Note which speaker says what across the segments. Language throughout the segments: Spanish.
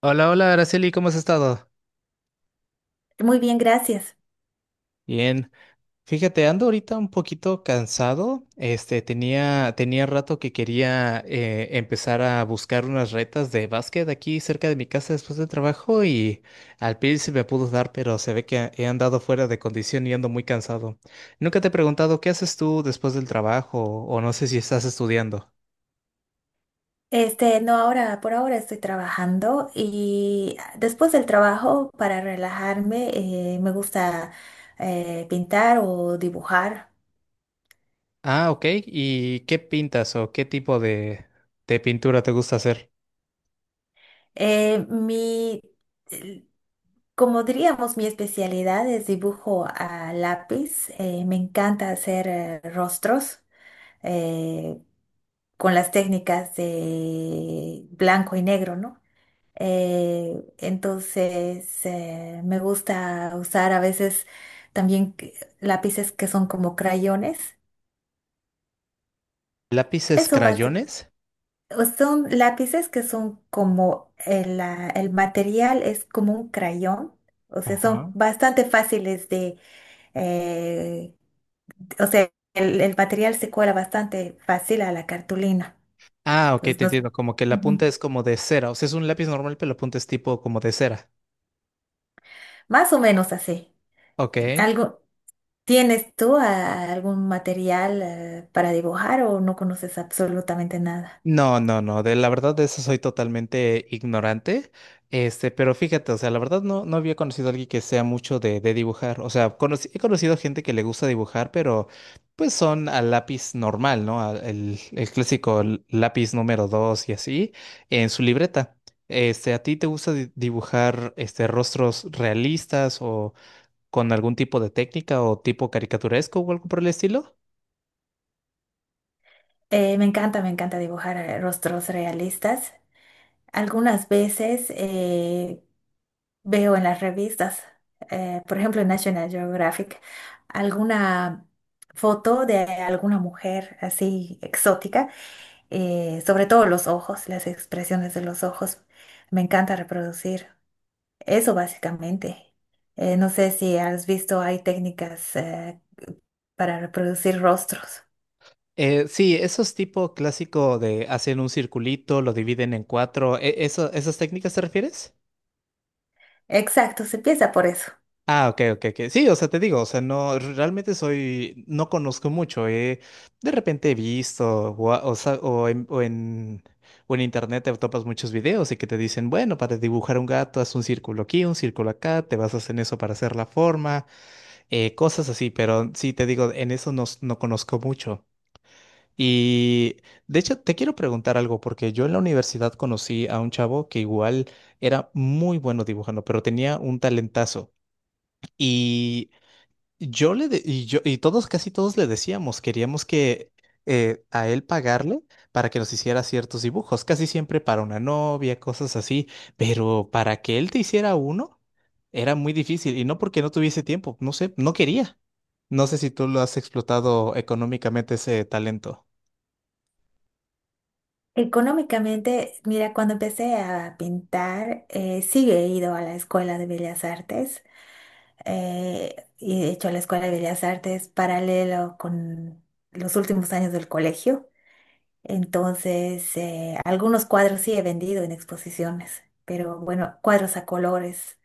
Speaker 1: Hola, hola, Araceli, ¿cómo has estado?
Speaker 2: Muy bien, gracias.
Speaker 1: Bien. Fíjate, ando ahorita un poquito cansado. Tenía rato que quería empezar a buscar unas retas de básquet aquí cerca de mi casa después del trabajo y al fin se me pudo dar, pero se ve que he andado fuera de condición y ando muy cansado. Nunca te he preguntado qué haces tú después del trabajo o no sé si estás estudiando.
Speaker 2: No, por ahora estoy trabajando y después del trabajo, para relajarme, me gusta pintar o dibujar.
Speaker 1: Ah, ok. ¿Y qué pintas o qué tipo de pintura te gusta hacer?
Speaker 2: Eh, mi, el- Como diríamos, mi especialidad es dibujo a lápiz. Me encanta hacer rostros eh, con las técnicas de blanco y negro, ¿no? Entonces, me gusta usar a veces también lápices que son como crayones.
Speaker 1: ¿Lápices,
Speaker 2: Eso basi-
Speaker 1: crayones?
Speaker 2: Son lápices que son como el material es como un crayón. O sea, son
Speaker 1: Ajá.
Speaker 2: bastante fáciles de, eh, o sea, el material se cuela bastante fácil a la cartulina.
Speaker 1: Ah, ok,
Speaker 2: Entonces,
Speaker 1: te
Speaker 2: nos-
Speaker 1: entiendo. Como que la
Speaker 2: Ujú.
Speaker 1: punta es como de cera. O sea, es un lápiz normal, pero la punta es tipo como de cera.
Speaker 2: Más o menos así.
Speaker 1: Ok.
Speaker 2: Algo. ¿Tienes tú algún material para dibujar o no conoces absolutamente nada?
Speaker 1: No, no, no. De la verdad de eso soy totalmente ignorante. Este, pero fíjate, o sea, la verdad no, no había conocido a alguien que sea mucho de dibujar. O sea, he conocido gente que le gusta dibujar, pero pues son al lápiz normal, ¿no? El clásico lápiz número dos y así, en su libreta. Este, ¿a ti te gusta dibujar este rostros realistas con algún tipo de técnica o tipo caricaturesco o algo por el estilo?
Speaker 2: Me encanta, me encanta dibujar rostros realistas. Algunas veces veo en las revistas, por ejemplo en National Geographic, alguna foto de alguna mujer así exótica, sobre todo los ojos, las expresiones de los ojos. Me encanta reproducir. Eso básicamente. No sé si has visto, hay técnicas para reproducir rostros.
Speaker 1: Sí, esos tipo clásico de hacen un circulito, lo dividen en cuatro, ¿esas técnicas te refieres?
Speaker 2: Exacto, se empieza por eso.
Speaker 1: Ah, ok, ok, ok. Sí, o sea, te digo, o sea, no, realmente soy, no conozco mucho. De repente he visto, o, a- o sa- o en, o en, o en internet te topas muchos videos y que te dicen, bueno, para dibujar un gato, haz un círculo aquí, un círculo acá, te basas en eso para hacer la forma. Cosas así, pero sí te digo, en eso, no, conozco mucho. Y de hecho, te quiero preguntar algo, porque yo en la universidad conocí a un chavo que igual era muy bueno dibujando, pero tenía un talentazo. Yo y todos casi todos le decíamos, queríamos que a él pagarle para que nos hiciera ciertos dibujos, casi siempre para una novia, cosas así, pero para que él te hiciera uno era muy difícil y no porque no tuviese tiempo, no sé, no quería. No sé si tú lo has explotado económicamente ese talento.
Speaker 2: Económicamente, mira, cuando empecé a pintar, sí he ido a la Escuela de Bellas Artes y he hecho la Escuela de Bellas Artes paralelo con los últimos años del colegio. Entonces, algunos cuadros sí he vendido en exposiciones, pero bueno, cuadros a colores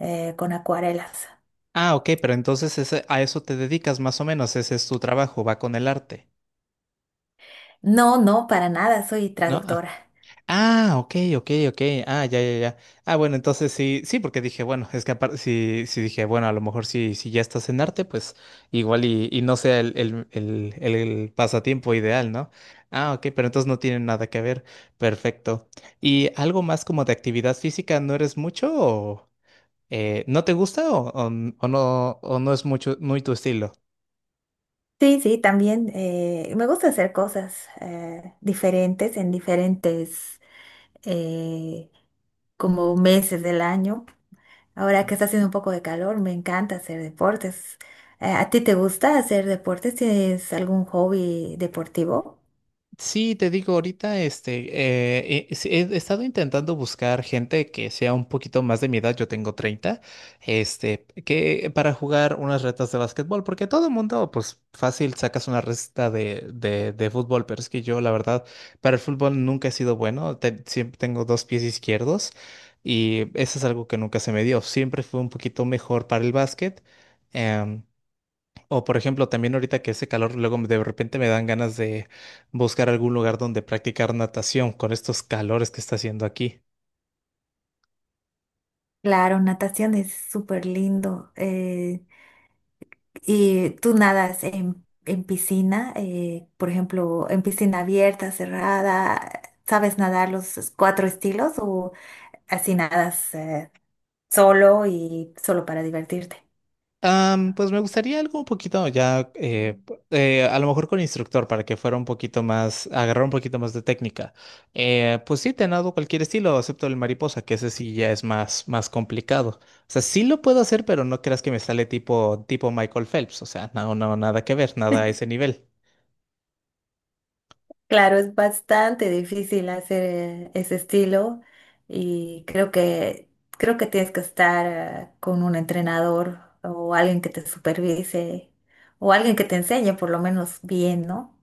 Speaker 2: con acuarelas.
Speaker 1: Ah, ok, pero entonces a eso te dedicas más o menos, ese es tu trabajo, va con el arte,
Speaker 2: No, no, para nada, soy
Speaker 1: ¿no?
Speaker 2: traductora.
Speaker 1: Ah, ok, ok, ok. Ah, ya, ya, ya. Ah, bueno, entonces sí, sí, porque dije, bueno, es que aparte, sí, sí dije, bueno, a lo mejor si, si ya estás en arte, pues igual y no sea el pasatiempo ideal, ¿no? Ah, ok, pero entonces no tiene nada que ver. Perfecto. ¿Y algo más como de actividad física, no eres mucho o no te gusta o no es mucho, muy tu estilo?
Speaker 2: Sí, sí, también me gusta hacer cosas diferentes en diferentes eh, como meses del año. Ahora que está haciendo un poco de calor, me encanta hacer deportes. ¿A ti te gusta hacer deportes? ¿Tienes algún hobby deportivo?
Speaker 1: Sí, te digo, ahorita he estado intentando buscar gente que sea un poquito más de mi edad, yo tengo 30, este, que para jugar unas retas de básquetbol, porque todo el mundo, pues fácil sacas una reta de fútbol, pero es que yo, la verdad, para el fútbol nunca he sido bueno, siempre tengo dos pies izquierdos y eso es algo que nunca se me dio, siempre fui un poquito mejor para el básquet. em, o por ejemplo, también ahorita que ese calor, de repente me dan ganas de buscar algún lugar donde practicar natación con estos calores que está haciendo aquí.
Speaker 2: Claro, natación es súper lindo. ¿Y tú nadas en piscina? Por ejemplo, en piscina abierta, cerrada. ¿Sabes nadar los cuatro estilos o así nadas solo y solo para divertirte?
Speaker 1: Pues me gustaría algo un poquito ya, a lo mejor con instructor para que fuera un poquito más, agarrar un poquito más de técnica. Pues sí, te nado cualquier estilo, excepto el mariposa, que ese sí ya es más, más complicado. O sea, sí lo puedo hacer, pero no creas que me sale tipo, tipo Michael Phelps. O sea, no, no, nada que ver, nada a ese nivel.
Speaker 2: Claro, es bastante difícil hacer ese estilo y creo que tienes que estar con un entrenador o alguien que te supervise o alguien que te enseñe por lo menos bien, ¿no?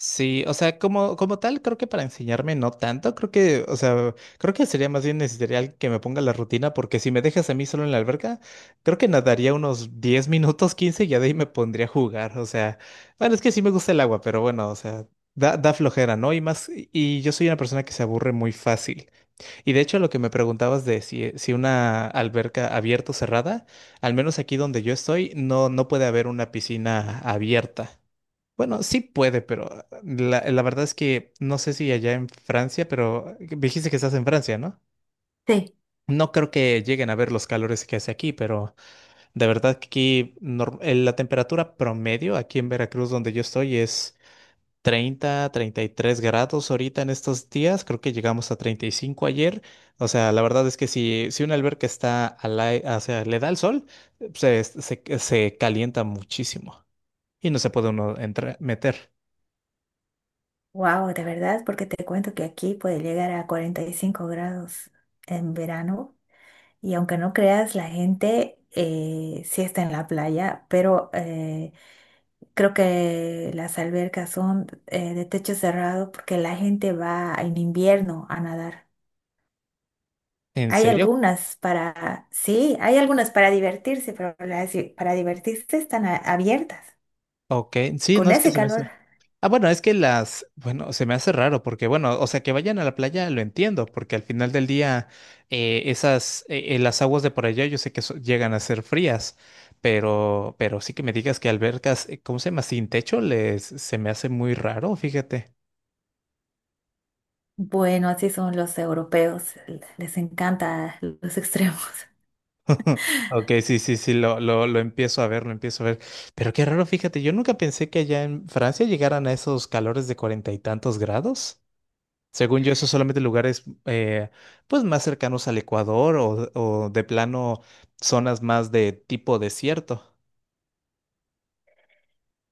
Speaker 1: Sí, o sea, como, como tal, creo que para enseñarme no tanto, creo que, o sea, creo que sería más bien necesario alguien que me ponga la rutina, porque si me dejas a mí solo en la alberca, creo que nadaría unos 10 minutos, 15 y ya de ahí me pondría a jugar, o sea, bueno, es que sí me gusta el agua, pero bueno, o sea, da, da flojera, ¿no? Y más, y yo soy una persona que se aburre muy fácil. Y de hecho, lo que me preguntabas de si, si una alberca abierta o cerrada, al menos aquí donde yo estoy, no, no puede haber una piscina abierta. Bueno, sí puede, pero la verdad es que no sé si allá en Francia, pero dijiste que estás en Francia, ¿no?
Speaker 2: Sí.
Speaker 1: No creo que lleguen a ver los calores que hace aquí, pero de verdad que aquí la temperatura promedio aquí en Veracruz, donde yo estoy, es treinta, 33 grados ahorita en estos días. Creo que llegamos a 35 ayer. O sea, la verdad es que si, si una alberca está o sea, le da el sol, se calienta muchísimo y no se puede uno entrar, meter.
Speaker 2: Wow, de verdad, porque te cuento que aquí puede llegar a 45 grados en verano y aunque no creas, la gente sí está en la playa, pero creo que las albercas son de techo cerrado porque la gente va en invierno a nadar.
Speaker 1: ¿En
Speaker 2: Hay
Speaker 1: serio?
Speaker 2: algunas para, sí, hay algunas para divertirse, pero para divertirse están abiertas
Speaker 1: Ok, sí, no
Speaker 2: con
Speaker 1: es que
Speaker 2: ese
Speaker 1: se me hace.
Speaker 2: calor.
Speaker 1: Ah, bueno, es que las, bueno, se me hace raro porque, bueno, o sea, que vayan a la playa lo entiendo, porque al final del día esas, las aguas de por allá yo sé que llegan a ser frías, pero sí que me digas que albercas, ¿cómo se llama? Sin techo, les, se me hace muy raro, fíjate.
Speaker 2: Bueno, así son los europeos, les encanta los extremos.
Speaker 1: Ok, sí, sí, sí, lo empiezo a ver, lo empiezo a ver. Pero qué raro, fíjate, yo nunca pensé que allá en Francia llegaran a esos calores de cuarenta y tantos grados. Según yo, eso solamente lugares pues más cercanos al Ecuador o de plano zonas más de tipo desierto.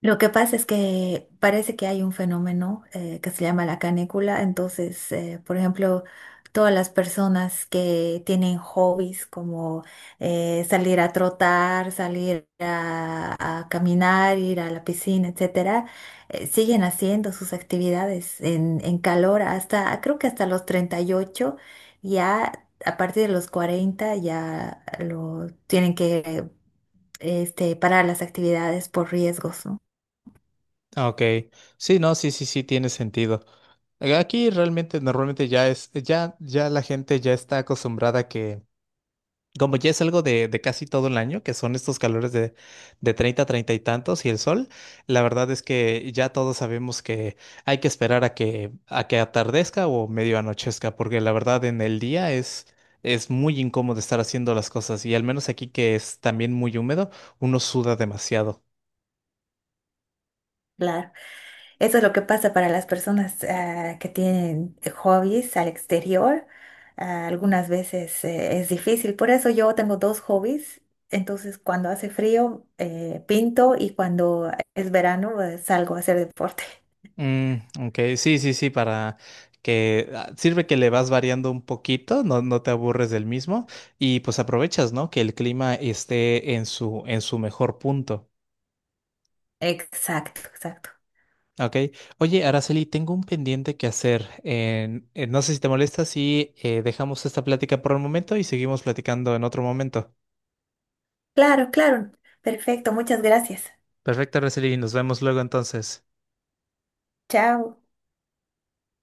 Speaker 2: Lo que pasa es que parece que hay un fenómeno que se llama la canícula. Entonces, por ejemplo, todas las personas que tienen hobbies como salir a trotar, salir a caminar, ir a la piscina, etcétera, siguen haciendo sus actividades en calor hasta, creo que hasta los 38, ya a partir de los 40 ya lo tienen que parar las actividades por riesgos, ¿no?
Speaker 1: Ah, ok, sí, no, sí, sí, sí, tiene sentido. Aquí realmente normalmente ya es, ya, ya la gente ya está acostumbrada a que como ya es algo de casi todo el año, que son estos calores de 30 30 y tantos y el sol, la verdad es que ya todos sabemos que hay que esperar a que atardezca o medio anochezca, porque la verdad en el día es muy incómodo estar haciendo las cosas y al menos aquí que es también muy húmedo, uno suda demasiado.
Speaker 2: Claro, eso es lo que pasa para las personas que tienen hobbies al exterior. Algunas veces es difícil, por eso yo tengo dos hobbies. Entonces, cuando hace frío, pinto y cuando es verano, salgo a hacer deporte.
Speaker 1: Mm, ok, sí, sí, sí, para que ah, sirve que le vas variando un poquito, no, no te aburres del mismo y pues aprovechas, ¿no? Que el clima esté en su mejor punto,
Speaker 2: Exacto, exacto.
Speaker 1: ¿ok? Oye, Araceli, tengo un pendiente que hacer. No sé si te molesta si dejamos esta plática por el momento y seguimos platicando en otro momento.
Speaker 2: Claro, claro. Perfecto, muchas gracias.
Speaker 1: Perfecto, Araceli, nos vemos luego entonces.
Speaker 2: Chao.